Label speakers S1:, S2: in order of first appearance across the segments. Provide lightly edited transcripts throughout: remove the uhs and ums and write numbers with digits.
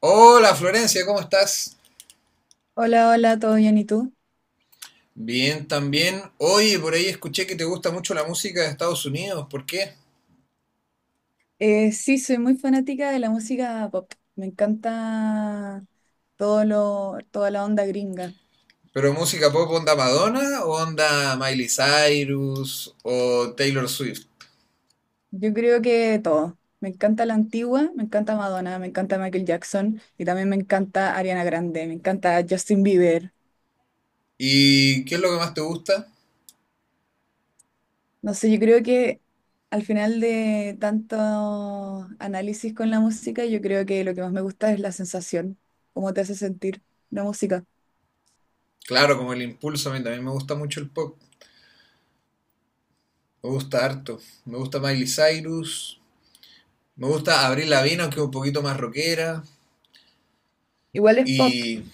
S1: Hola Florencia, ¿cómo estás?
S2: Hola, hola, ¿todo bien? ¿Y tú?
S1: Bien, también. Oye, por ahí escuché que te gusta mucho la música de Estados Unidos, ¿por qué?
S2: Sí, soy muy fanática de la música pop. Me encanta toda la onda gringa.
S1: ¿Pero música pop onda Madonna o onda Miley Cyrus o Taylor Swift?
S2: Yo creo que todo. Me encanta la antigua, me encanta Madonna, me encanta Michael Jackson y también me encanta Ariana Grande, me encanta Justin Bieber.
S1: ¿Y qué es lo que más te gusta?
S2: No sé, yo creo que al final de tanto análisis con la música, yo creo que lo que más me gusta es la sensación, cómo te hace sentir la música.
S1: Claro, como el impulso, a mí también me gusta mucho el pop. Me gusta harto. Me gusta Miley Cyrus. Me gusta Avril Lavigne, aunque un poquito más rockera.
S2: Igual es pop,
S1: Y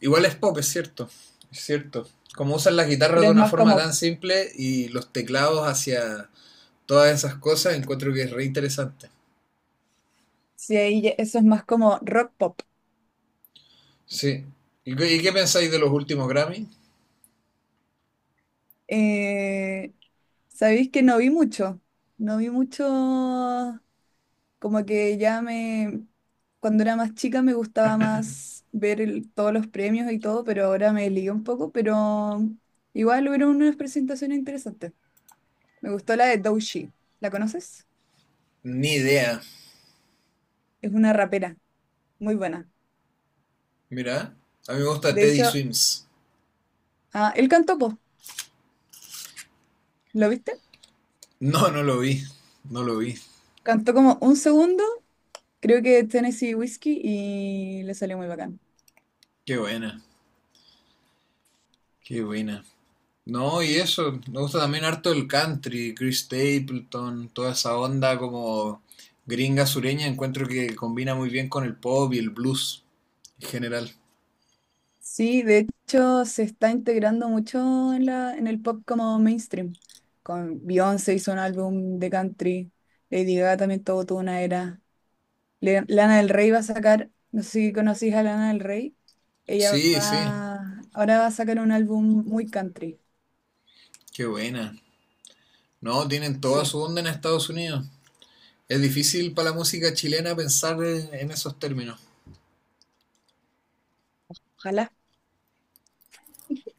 S1: igual es pop, es cierto. Es cierto. Como usan las guitarras
S2: pero
S1: de
S2: es
S1: una
S2: más
S1: forma
S2: como.
S1: tan simple y los teclados hacia todas esas cosas, encuentro que es re interesante.
S2: Sí, eso es más como rock pop.
S1: Sí. Y qué pensáis de los últimos Grammy?
S2: Eh, Sabéis que no vi mucho, no vi mucho, como que ya me, cuando era más chica me gustaba más ver todos los premios y todo, pero ahora me ligué un poco, pero igual hubieron unas presentaciones interesantes. Me gustó la de Doechii, ¿la conoces?
S1: Ni idea.
S2: Es una rapera, muy buena.
S1: Mira, a mí me gusta
S2: De
S1: Teddy
S2: hecho,
S1: Swims.
S2: ah, él cantó, po, ¿lo viste?
S1: No, no lo vi. No lo vi.
S2: Cantó como un segundo, creo que Tennessee Whiskey y le salió muy bacán.
S1: Qué buena. Qué buena. No, y eso, me gusta también harto el country, Chris Stapleton, toda esa onda como gringa sureña, encuentro que combina muy bien con el pop y el blues en general.
S2: Sí, de hecho se está integrando mucho en en el pop como mainstream. Con Beyoncé hizo un álbum de country, Lady Gaga también todo tuvo una era. Lana del Rey va a sacar, no sé si conocís a Lana del Rey,
S1: Sí, sí,
S2: ahora va a sacar un álbum muy country.
S1: qué buena. No, tienen toda
S2: Sí,
S1: su onda en Estados Unidos. Es difícil para la música chilena pensar en esos términos.
S2: ojalá.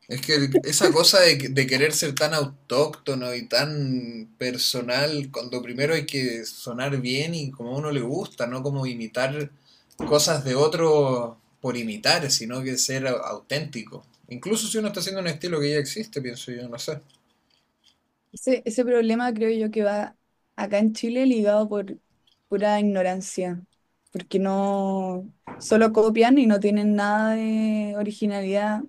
S1: Es que esa cosa de querer ser tan autóctono y tan personal, cuando primero hay que sonar bien y como a uno le gusta, no como imitar cosas de otro por imitar, sino que ser auténtico. Incluso si uno está haciendo un estilo que ya existe, pienso yo, no sé.
S2: Ese problema creo yo que va acá en Chile ligado por pura ignorancia, porque no, solo copian y no tienen nada de originalidad.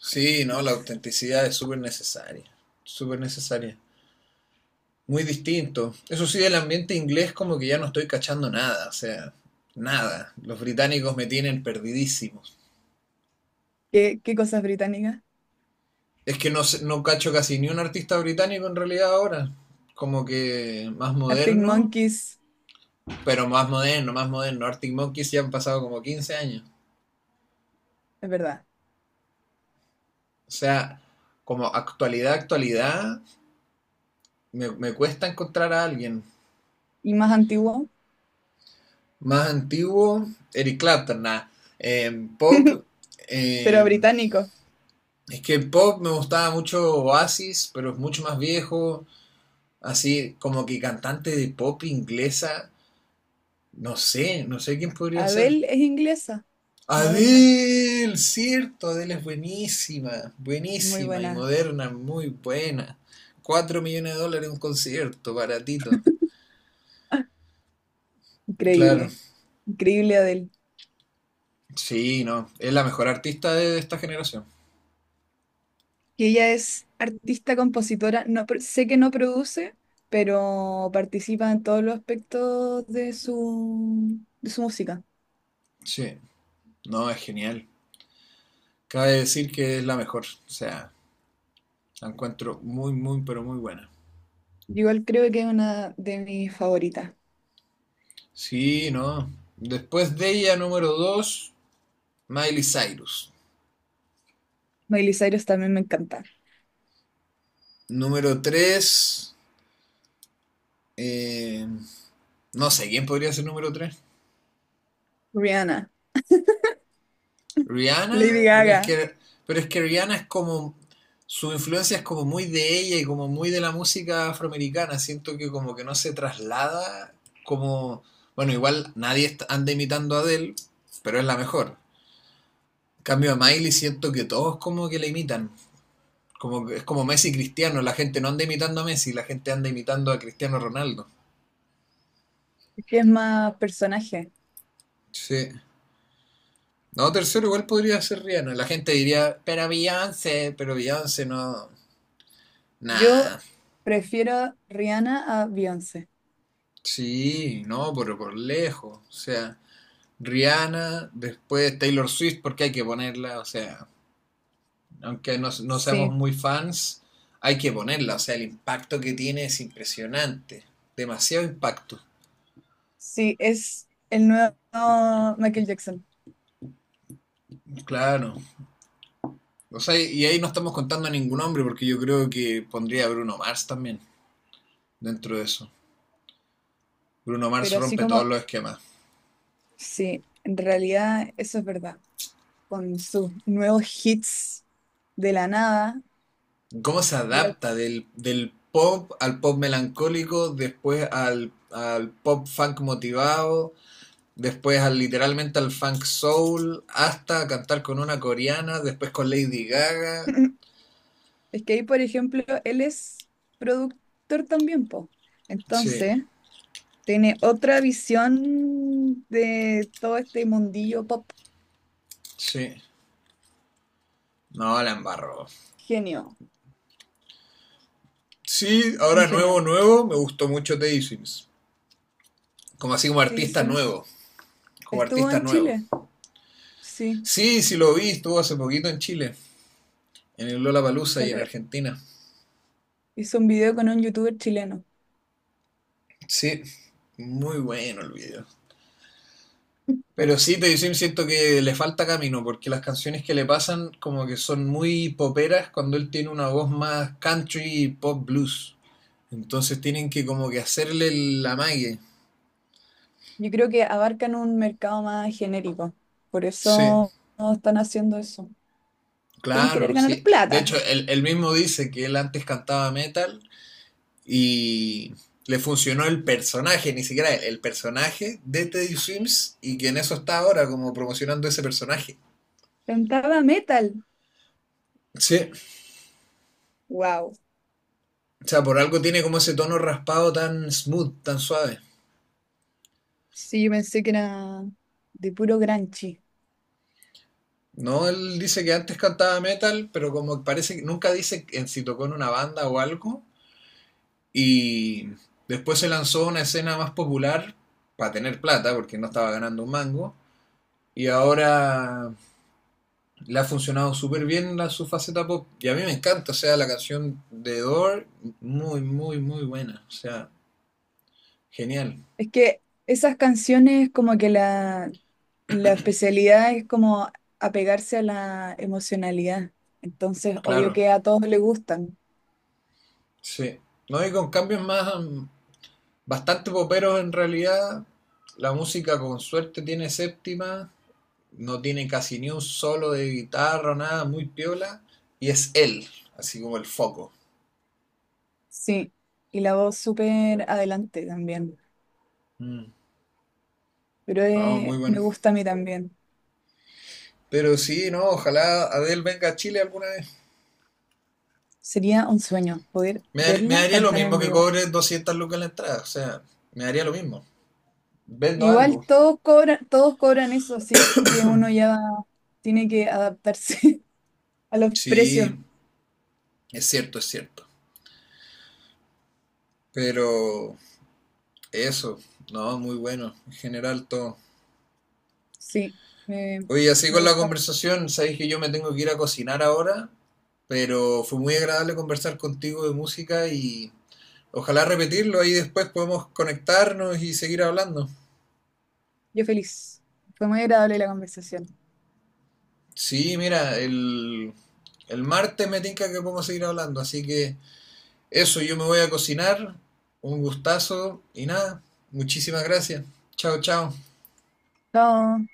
S1: Sí, no, la autenticidad es súper necesaria, súper necesaria. Muy distinto. Eso sí, del ambiente inglés como que ya no estoy cachando nada, o sea, nada. Los británicos me tienen perdidísimo.
S2: ¿Qué cosas británicas?
S1: Es que no, no cacho casi ni un artista británico en realidad ahora. Como que más
S2: Arctic
S1: moderno,
S2: Monkeys,
S1: pero más moderno, más moderno. Arctic Monkeys ya han pasado como 15 años.
S2: es verdad.
S1: O sea, como actualidad, actualidad, me cuesta encontrar a alguien.
S2: Y más antiguo,
S1: Más antiguo, Eric Clapton, nada. Pop,
S2: pero
S1: eh,
S2: británico.
S1: es que el pop me gustaba mucho Oasis, pero es mucho más viejo. Así como que cantante de pop inglesa, no sé, no sé quién podría ser.
S2: Adele es inglesa, moderna.
S1: Adele, cierto, Adele es buenísima,
S2: Muy
S1: buenísima y
S2: buena.
S1: moderna, muy buena. 4 millones de dólares un concierto, baratito. Claro,
S2: Increíble. Increíble Adele.
S1: sí, no, es la mejor artista de esta generación.
S2: Que ella es artista, compositora. No, sé que no produce, pero participa en todos los aspectos de de su música.
S1: Sí, no, es genial. Cabe decir que es la mejor, o sea, la encuentro muy, muy, pero muy buena.
S2: Yo igual creo que es una de mis favoritas.
S1: Sí, no. Después de ella, número 2, Miley Cyrus.
S2: Miley Cyrus también me encanta.
S1: Número 3, no sé, ¿quién podría ser número tres?
S2: Rihanna, Lady
S1: Rihanna, pero es
S2: Gaga,
S1: que, pero es que Rihanna es como, su influencia es como muy de ella y como muy de la música afroamericana. Siento que como que no se traslada como, bueno, igual nadie anda imitando a Adele, pero es la mejor. En cambio a Miley siento que todos como que la imitan. Como, es como Messi y Cristiano, la gente no anda imitando a Messi, la gente anda imitando a Cristiano Ronaldo.
S2: que es más personaje.
S1: Sí. No, tercero igual podría ser Rihanna. La gente diría, pero Beyoncé no.
S2: Yo
S1: Nah,
S2: prefiero a Rihanna a Beyoncé.
S1: sí, no, pero por lejos. O sea, Rihanna, después Taylor Swift, porque hay que ponerla, o sea, aunque no, no seamos
S2: Sí,
S1: muy fans, hay que ponerla. O sea, el impacto que tiene es impresionante. Demasiado impacto.
S2: sí, es el nuevo Michael Jackson.
S1: Claro. O sea, y ahí no estamos contando a ningún hombre, porque yo creo que pondría a Bruno Mars también dentro de eso. Bruno Mars
S2: Pero así
S1: rompe todos
S2: como,
S1: los esquemas.
S2: sí, en realidad eso es verdad. Con sus nuevos hits de la nada.
S1: ¿Cómo se
S2: de-
S1: adapta del pop al pop melancólico, después al pop funk motivado? Después al, literalmente al funk soul, hasta cantar con una coreana, después con Lady Gaga.
S2: Es que ahí, por ejemplo, él es productor también, po.
S1: Sí,
S2: Entonces, tiene otra visión de todo este mundillo pop.
S1: sí. No, la embarro.
S2: Genio,
S1: Sí,
S2: un
S1: ahora nuevo,
S2: genio.
S1: nuevo, me gustó mucho Teddy Swims. Como así como
S2: Sí,
S1: artista
S2: Swims.
S1: nuevo, como
S2: Estuvo
S1: artista
S2: en
S1: nuevo.
S2: Chile, sí.
S1: Sí, sí lo vi, estuvo hace poquito en Chile, en el Lola Palusa
S2: Se
S1: y en
S2: le
S1: Argentina.
S2: hizo un video con un youtuber chileno.
S1: Sí, muy bueno el video. Pero sí, Teddy Swims siento que le falta camino, porque las canciones que le pasan como que son muy poperas cuando él tiene una voz más country y pop blues. Entonces tienen que como que hacerle el amague.
S2: Yo creo que abarcan un mercado más genérico. Por
S1: Sí,
S2: eso no están haciendo eso. Deben querer
S1: claro,
S2: ganar
S1: sí. De hecho,
S2: plata.
S1: él mismo dice que él antes cantaba metal y le funcionó el personaje, ni siquiera él, el personaje de Teddy Swims y que en eso está ahora como promocionando ese personaje.
S2: Cantaba metal.
S1: Sí,
S2: Wow.
S1: o sea, por algo tiene como ese tono raspado tan smooth, tan suave.
S2: Sí, yo pensé que era de puro granchi.
S1: No, él dice que antes cantaba metal, pero como parece que nunca dice en si tocó en una banda o algo. Y después se lanzó a una escena más popular para tener plata, porque no estaba ganando un mango. Y ahora le ha funcionado súper bien su faceta pop. Y a mí me encanta, o sea, la canción de Door, muy, muy, muy buena. O sea, genial,
S2: Es que esas canciones como que la especialidad es como apegarse a la emocionalidad. Entonces, obvio
S1: claro,
S2: que a todos les gustan.
S1: sí. No, y con cambios más, bastante poperos en realidad. La música con suerte tiene séptima, no tiene casi ni un solo de guitarra o nada, muy piola, y es él, así como el foco.
S2: Sí. Y la voz súper adelante también.
S1: Mm. No, muy
S2: Me
S1: bueno.
S2: gusta a mí también.
S1: Pero sí, no, ojalá Adele venga a Chile alguna vez.
S2: Sería un sueño poder
S1: Me
S2: verla
S1: daría lo
S2: cantar
S1: mismo
S2: en
S1: que
S2: vivo.
S1: cobre 200 lucas en la entrada, o sea, me daría lo mismo. Vendo
S2: Igual
S1: algo.
S2: todos cobran eso, así que uno ya tiene que adaptarse a los precios.
S1: Sí, es cierto, es cierto. Pero eso, no, muy bueno, en general todo.
S2: Sí, me,
S1: Oye, así
S2: me
S1: con la
S2: gusta.
S1: conversación, sabéis que yo me tengo que ir a cocinar ahora, pero fue muy agradable conversar contigo de música y ojalá repetirlo, ahí después podemos conectarnos y seguir hablando.
S2: Yo feliz. Fue muy agradable la conversación.
S1: Sí, mira, el martes me tinca que podemos seguir hablando, así que eso, yo me voy a cocinar, un gustazo y nada, muchísimas gracias. Chao, chao.
S2: Chao.